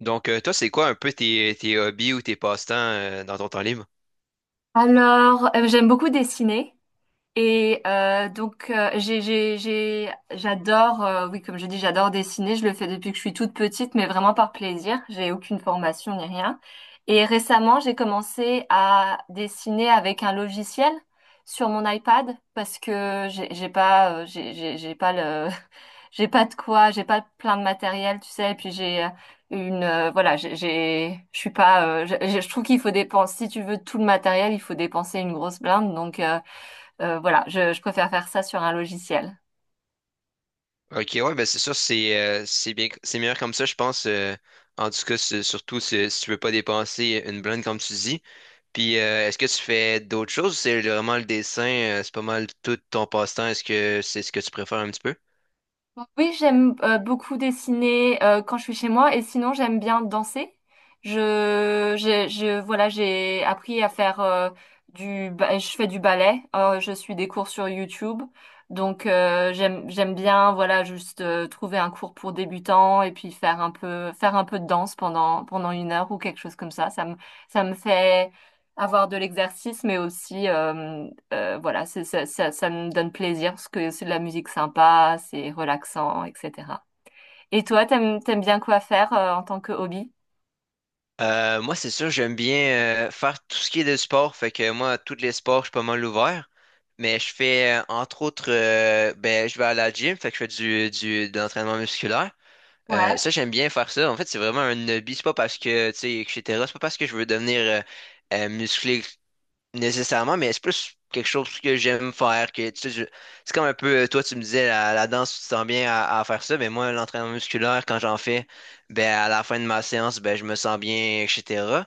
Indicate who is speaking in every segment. Speaker 1: Donc, toi, c'est quoi un peu tes hobbies ou tes passe-temps dans ton temps libre?
Speaker 2: Alors, j'aime beaucoup dessiner. Et donc j'adore, oui, comme je dis, j'adore dessiner. Je le fais depuis que je suis toute petite, mais vraiment par plaisir, j'ai aucune formation ni rien. Et récemment, j'ai commencé à dessiner avec un logiciel sur mon iPad parce que j'ai pas le... j'ai pas plein de matériel, tu sais. Et puis j'ai une je suis pas je trouve qu'il faut dépenser, si tu veux tout le matériel il faut dépenser une grosse blinde. Donc voilà, je préfère faire ça sur un logiciel.
Speaker 1: Ok, ouais, ben c'est sûr, c'est bien, c'est meilleur comme ça, je pense. En tout cas, surtout si tu veux pas dépenser une blinde, comme tu dis. Puis, est-ce que tu fais d'autres choses? C'est vraiment le dessin, c'est pas mal tout ton passe-temps. Est-ce que c'est ce que tu préfères un petit peu?
Speaker 2: Oui, j'aime beaucoup dessiner quand je suis chez moi, et sinon j'aime bien danser. Voilà, j'ai appris à faire je fais du ballet. Je suis des cours sur YouTube, donc j'aime bien, voilà, juste trouver un cours pour débutants, et puis faire un peu de danse pendant une heure ou quelque chose comme ça. Ça me fait avoir de l'exercice, mais aussi voilà, ça me donne plaisir parce que c'est de la musique sympa, c'est relaxant, etc. Et toi, t'aimes bien quoi faire en tant que hobby?
Speaker 1: Moi, c'est sûr, j'aime bien faire tout ce qui est de sport. Fait que moi, tous les sports, je suis pas mal ouvert. Mais je fais, entre autres, ben, je vais à la gym, fait que je fais de l'entraînement musculaire. Euh,
Speaker 2: Ouais,
Speaker 1: ça, j'aime bien faire ça. En fait, c'est vraiment un hobby. C'est pas parce que, tu sais, etc. C'est pas parce que je veux devenir musclé nécessairement, mais c'est plus quelque chose que j'aime faire. Que, tu sais, c'est comme un peu, toi, tu me disais, la danse, tu te sens bien à faire ça. Mais moi, l'entraînement musculaire, quand j'en fais, ben, à la fin de ma séance, ben, je me sens bien, etc.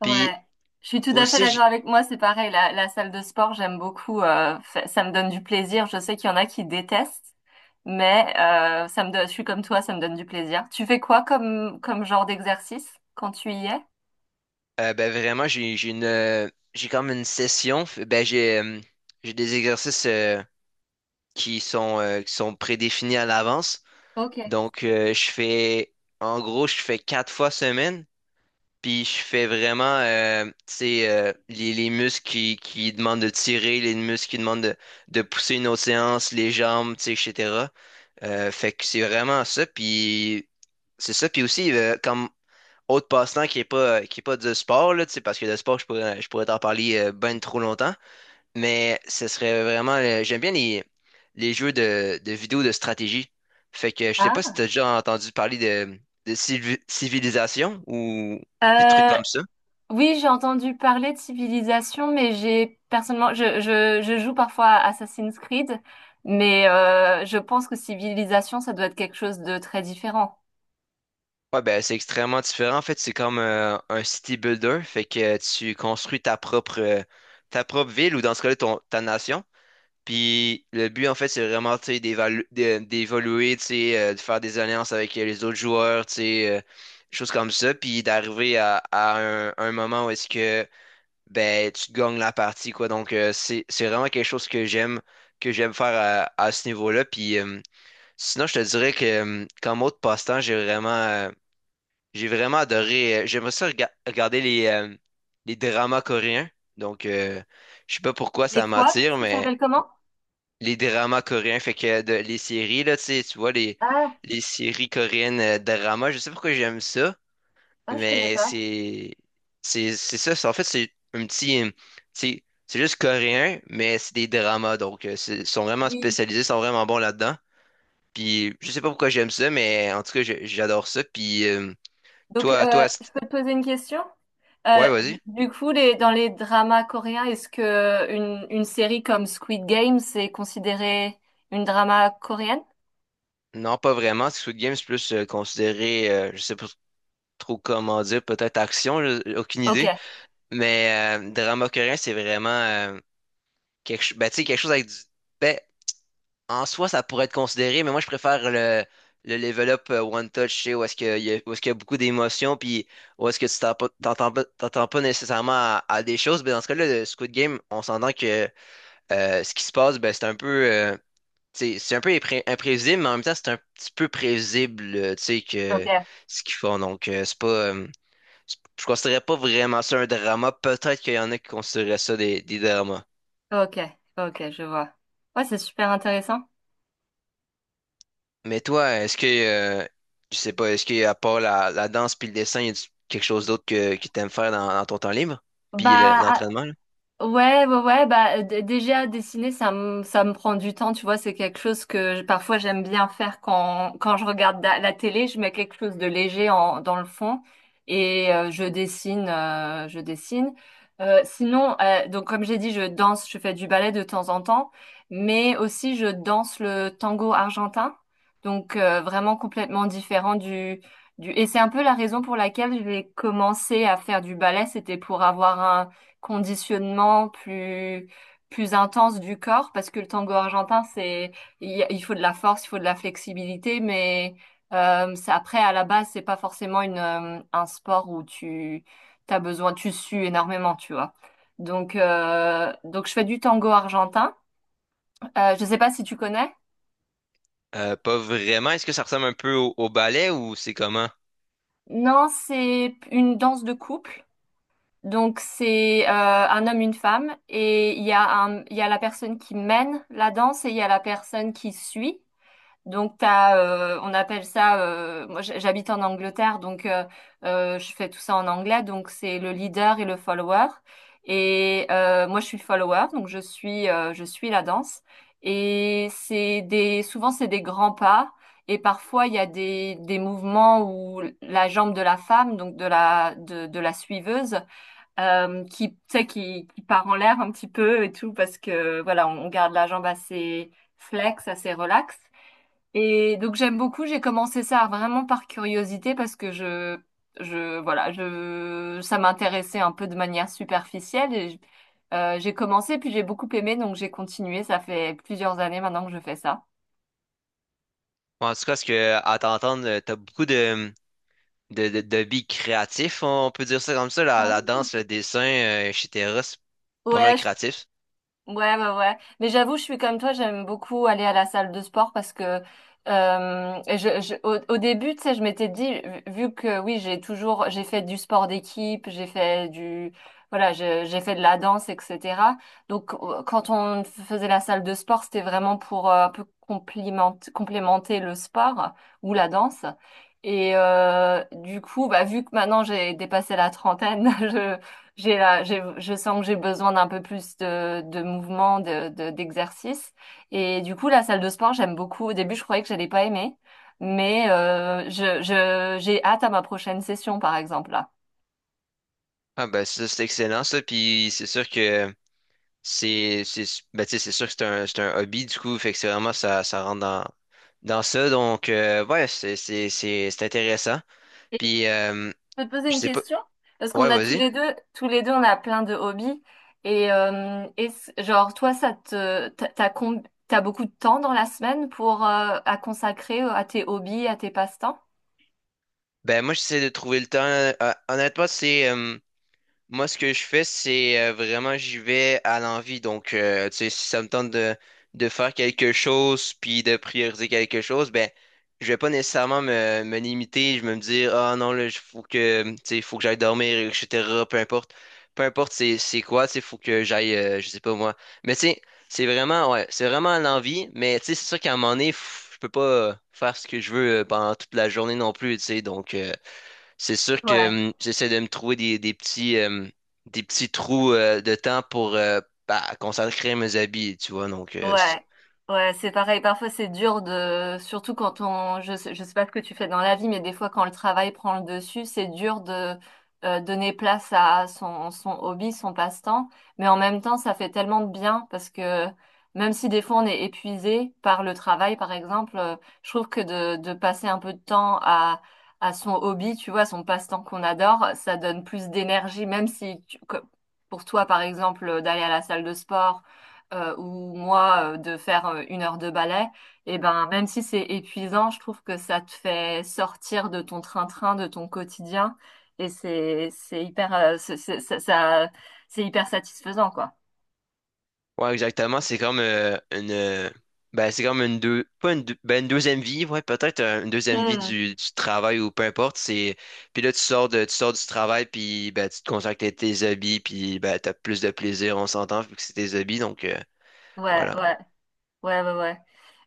Speaker 2: ouais.
Speaker 1: Puis
Speaker 2: Je suis tout à fait
Speaker 1: aussi,
Speaker 2: d'accord. Avec moi, c'est pareil, la salle de sport, j'aime beaucoup, ça me donne du plaisir. Je sais qu'il y en a qui détestent, mais je suis comme toi, ça me donne du plaisir. Tu fais quoi comme genre d'exercice quand tu y es?
Speaker 1: ben, vraiment, j'ai comme une session. Ben, j'ai des exercices qui sont prédéfinis à l'avance.
Speaker 2: Ok.
Speaker 1: Donc, je fais, en gros, je fais quatre fois semaine, puis je fais vraiment, tu sais, les muscles qui, demandent de tirer, les muscles qui demandent de pousser une autre séance, les jambes, tu sais, etc. Fait que c'est vraiment ça, puis c'est ça, puis aussi, comme autre passe-temps qui est pas, du sport, là, tu sais, parce que le sport, je pourrais t'en parler ben trop longtemps, mais ce serait vraiment. J'aime bien les jeux de vidéos de stratégie. Fait que je sais pas si t'as déjà entendu parler de civilisation ou des trucs
Speaker 2: Ah.
Speaker 1: comme ça.
Speaker 2: Oui, j'ai entendu parler de civilisation, mais j'ai personnellement, je joue parfois à Assassin's Creed, mais je pense que civilisation, ça doit être quelque chose de très différent.
Speaker 1: Ouais, ben c'est extrêmement différent. En fait, c'est comme un city builder. Fait que tu construis ta propre ville ou dans ce cas-là, ton, ta nation. Puis le but, en fait, c'est vraiment, tu sais, d'évoluer, tu sais, de faire des alliances avec les autres joueurs, tu sais, choses comme ça, puis d'arriver à un, moment où est-ce que, ben, tu gagnes la partie, quoi. Donc, c'est vraiment quelque chose que j'aime faire à ce niveau-là. Puis sinon, je te dirais que, comme autre passe-temps, j'ai vraiment adoré, j'aimerais ça regarder les dramas coréens. Donc, je sais pas pourquoi
Speaker 2: Et
Speaker 1: ça
Speaker 2: quoi?
Speaker 1: m'attire,
Speaker 2: Ça
Speaker 1: mais
Speaker 2: s'appelle comment?
Speaker 1: les dramas coréens, fait que les séries, là, tu sais, tu vois, les,
Speaker 2: Ah,
Speaker 1: les séries coréennes dramas, je sais pas pourquoi j'aime ça,
Speaker 2: ah, je connais
Speaker 1: mais
Speaker 2: pas.
Speaker 1: c'est ça, en fait, c'est juste coréen, mais c'est des dramas, donc ils sont vraiment
Speaker 2: Oui.
Speaker 1: spécialisés, ils sont vraiment bons là-dedans, puis je sais pas pourquoi j'aime ça, mais en tout cas, j'adore ça, puis
Speaker 2: Donc,
Speaker 1: toi, toi,
Speaker 2: je peux te poser une question? Euh,
Speaker 1: ouais, vas-y.
Speaker 2: du coup, dans les dramas coréens, est-ce que une série comme Squid Game, c'est considéré une drama coréenne?
Speaker 1: Non, pas vraiment, Squid Game, c'est plus considéré, je sais pas trop comment dire, peut-être action, aucune
Speaker 2: Ok,
Speaker 1: idée. Mais drama coréen, c'est vraiment ben, tu sais, quelque chose avec du. Ben, en soi, ça pourrait être considéré, mais moi, je préfère le level up One Touch, tu sais, où est-ce qu'il y a, où est-ce qu'il y a beaucoup d'émotions, puis où est-ce que tu t'entends pas nécessairement à des choses. Ben, dans ce cas-là, le Squid Game, on s'entend que ce qui se passe, ben, c'est un peu, tu sais, c'est un peu imprévisible, mais en même temps, c'est un petit peu prévisible, tu sais,
Speaker 2: ok,
Speaker 1: que ce qu'ils font. Donc, c'est pas. Je considérais pas vraiment ça un drama. Peut-être qu'il y en a qui considéraient ça des dramas.
Speaker 2: ok, ok, je vois. Ouais, c'est super intéressant.
Speaker 1: Mais toi, est-ce que, je sais pas, est-ce qu'à part la danse puis le dessin, y a quelque chose d'autre que t'aimes faire dans ton temps libre? Puis
Speaker 2: Bah, ah,
Speaker 1: l'entraînement, là?
Speaker 2: ouais, ouais, ouais, bah déjà, dessiner, ça me prend du temps, tu vois, c'est quelque chose que parfois j'aime bien faire quand je regarde la télé, je mets quelque chose de léger en dans le fond, et je dessine, Sinon donc comme j'ai dit, je danse, je fais du ballet de temps en temps, mais aussi je danse le tango argentin. Donc vraiment complètement différent du et c'est un peu la raison pour laquelle j'ai commencé à faire du ballet, c'était pour avoir conditionnement plus intense du corps, parce que le tango argentin, c'est... il faut de la force, il faut de la flexibilité, mais après, à la base, c'est pas forcément une un sport où tu t'as besoin, tu sues énormément, tu vois. Donc je fais du tango argentin. Je sais pas si tu connais.
Speaker 1: Pas vraiment. Est-ce que ça ressemble un peu au ballet ou c'est comment?
Speaker 2: Non, c'est une danse de couple. Donc c'est un homme, une femme, et il y a il y a la personne qui mène la danse, et il y a la personne qui suit. On appelle ça, moi j'habite en Angleterre, donc je fais tout ça en anglais, donc c'est le leader et le follower. Et moi je suis follower, donc je suis la danse. Et souvent c'est des grands pas, et parfois il y a des mouvements où la jambe de la femme, donc de la suiveuse, tu sais, qui part en l'air un petit peu et tout, parce que voilà, on garde la jambe assez flex, assez relax. Et donc j'aime beaucoup, j'ai commencé ça vraiment par curiosité parce que je voilà, je ça m'intéressait un peu de manière superficielle, et j'ai commencé puis j'ai beaucoup aimé, donc j'ai continué. Ça fait plusieurs années maintenant que je fais ça.
Speaker 1: Bon, en tout cas, est-ce que, à t'entendre, t'as beaucoup de billes créatifs, on peut dire ça comme ça, la,
Speaker 2: Ah.
Speaker 1: la danse, le dessin, etc. C'est pas mal
Speaker 2: Ouais, je...
Speaker 1: créatif.
Speaker 2: Ouais, ouais, ouais. Mais j'avoue, je suis comme toi, j'aime beaucoup aller à la salle de sport parce que au début, tu sais, je m'étais dit, vu que oui, j'ai fait du sport d'équipe, voilà, j'ai fait de la danse, etc. Donc, quand on faisait la salle de sport, c'était vraiment pour un peu complémenter le sport ou la danse. Et du coup, bah, vu que maintenant j'ai dépassé la trentaine... Je sens que j'ai besoin d'un peu plus de mouvement, d'exercice. Et du coup, la salle de sport, j'aime beaucoup. Au début, je croyais que j'allais pas aimer, mais j'ai hâte à ma prochaine session, par exemple, là.
Speaker 1: Ah ben ça, c'est excellent ça, puis c'est sûr que c'est ben, tu sais, c'est sûr que c'est un hobby, du coup, fait que c'est vraiment ça, ça rentre dans ça. Donc, ouais, c'est intéressant.
Speaker 2: Et je
Speaker 1: Puis,
Speaker 2: peux te poser
Speaker 1: je
Speaker 2: une
Speaker 1: sais pas.
Speaker 2: question? Parce
Speaker 1: Ouais,
Speaker 2: qu'on a
Speaker 1: vas-y.
Speaker 2: tous les deux, on a plein de hobbies. Et genre, toi, ça te, t'as, t'as com- t'as beaucoup de temps dans la semaine pour à consacrer à tes hobbies, à tes passe-temps?
Speaker 1: Ben, moi, j'essaie de trouver le temps. Honnêtement, c'est. Moi, ce que je fais, c'est vraiment, j'y vais à l'envie. Donc, tu sais, si ça me tente de faire quelque chose, puis de prioriser quelque chose, ben, je vais pas nécessairement me limiter. Je vais me dire, ah non, là, il faut que, tu sais, faut que j'aille dormir, etc. Peu importe. Peu importe c'est quoi, tu sais, faut que j'aille, je sais pas moi. Mais tu sais, c'est vraiment, ouais, c'est vraiment à l'envie. Mais tu sais, c'est sûr qu'à un moment donné, je peux pas faire ce que je veux pendant toute la journée non plus, tu sais. Donc, c'est sûr
Speaker 2: Ouais.
Speaker 1: que j'essaie de me trouver des petits trous de temps pour bah, consacrer mes habits, tu vois. Donc,
Speaker 2: Ouais, ouais, c'est pareil. Parfois, c'est dur de... surtout quand on... je sais pas ce que tu fais dans la vie, mais des fois, quand le travail prend le dessus, c'est dur de donner place à son hobby, son passe-temps. Mais en même temps, ça fait tellement de bien parce que même si des fois on est épuisé par le travail, par exemple, je trouve que de passer un peu de temps à son hobby, tu vois, son passe-temps qu'on adore, ça donne plus d'énergie. Même si pour toi, par exemple, d'aller à la salle de sport, ou moi de faire une heure de ballet, et ben, même si c'est épuisant, je trouve que ça te fait sortir de ton train-train, de ton quotidien, et c'est hyper, c'est hyper satisfaisant, quoi.
Speaker 1: ouais, exactement. C'est comme une. Ben, c'est comme une deux. Pas une, ben, une deuxième vie, ouais, peut-être une deuxième vie
Speaker 2: Hmm.
Speaker 1: du travail ou peu importe. C'est, puis là, tu sors du travail, puis ben, tu te consacres à tes habits, puis ben, t'as plus de plaisir, on s'entend, vu que c'est tes habits. Donc,
Speaker 2: Ouais,
Speaker 1: voilà.
Speaker 2: ouais. Ouais, ouais, ouais.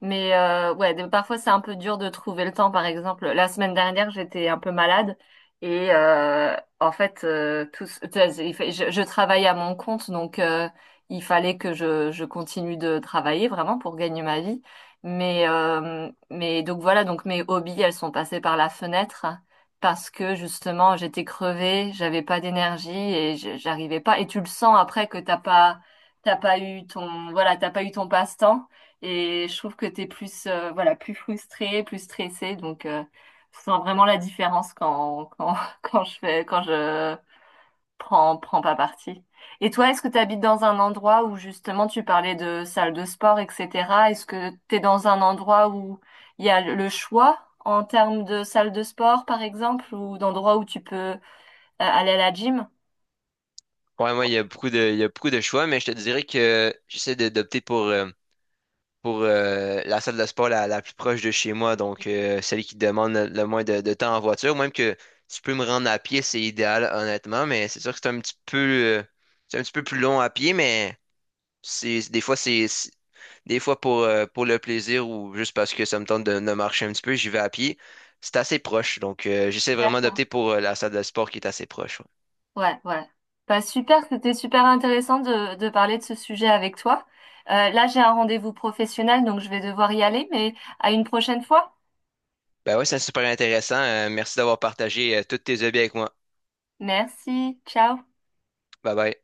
Speaker 2: Mais ouais, parfois c'est un peu dur de trouver le temps. Par exemple, la semaine dernière, j'étais un peu malade, et en fait, tu vois, je travaille à mon compte, donc il fallait que je continue de travailler vraiment pour gagner ma vie. Mais donc voilà, donc mes hobbies, elles sont passées par la fenêtre parce que justement, j'étais crevée, j'avais pas d'énergie, et j'arrivais pas. Et tu le sens, après, que t'as pas eu ton passe-temps. Et je trouve que tu es plus, voilà, plus frustré, plus stressé. Donc, je sens vraiment la différence quand je prends pas parti. Et toi, est-ce que tu habites dans un endroit où justement tu parlais de salle de sport, etc.? Est-ce que tu es dans un endroit où il y a le choix en termes de salle de sport, par exemple, ou d'endroits où tu peux aller à la gym?
Speaker 1: Ouais, moi, il y a beaucoup de, il y a beaucoup de choix, mais je te dirais que j'essaie d'opter pour la, salle de sport la plus proche de chez moi, donc celle qui demande le moins de temps en voiture. Même que tu peux me rendre à pied, c'est idéal, honnêtement, mais c'est sûr que c'est un petit peu plus long à pied, mais c'est, des fois, des fois pour le plaisir ou juste parce que ça me tente de marcher un petit peu, j'y vais à pied. C'est assez proche, donc j'essaie vraiment
Speaker 2: D'accord.
Speaker 1: d'opter pour la salle de sport qui est assez proche. Ouais.
Speaker 2: Ouais, ouais. Bah, super, c'était super intéressant de parler de ce sujet avec toi. Là, j'ai un rendez-vous professionnel, donc je vais devoir y aller, mais à une prochaine fois.
Speaker 1: Ben ouais, c'est super intéressant. Merci d'avoir partagé tous tes hobbies avec moi.
Speaker 2: Merci, ciao.
Speaker 1: Bye bye.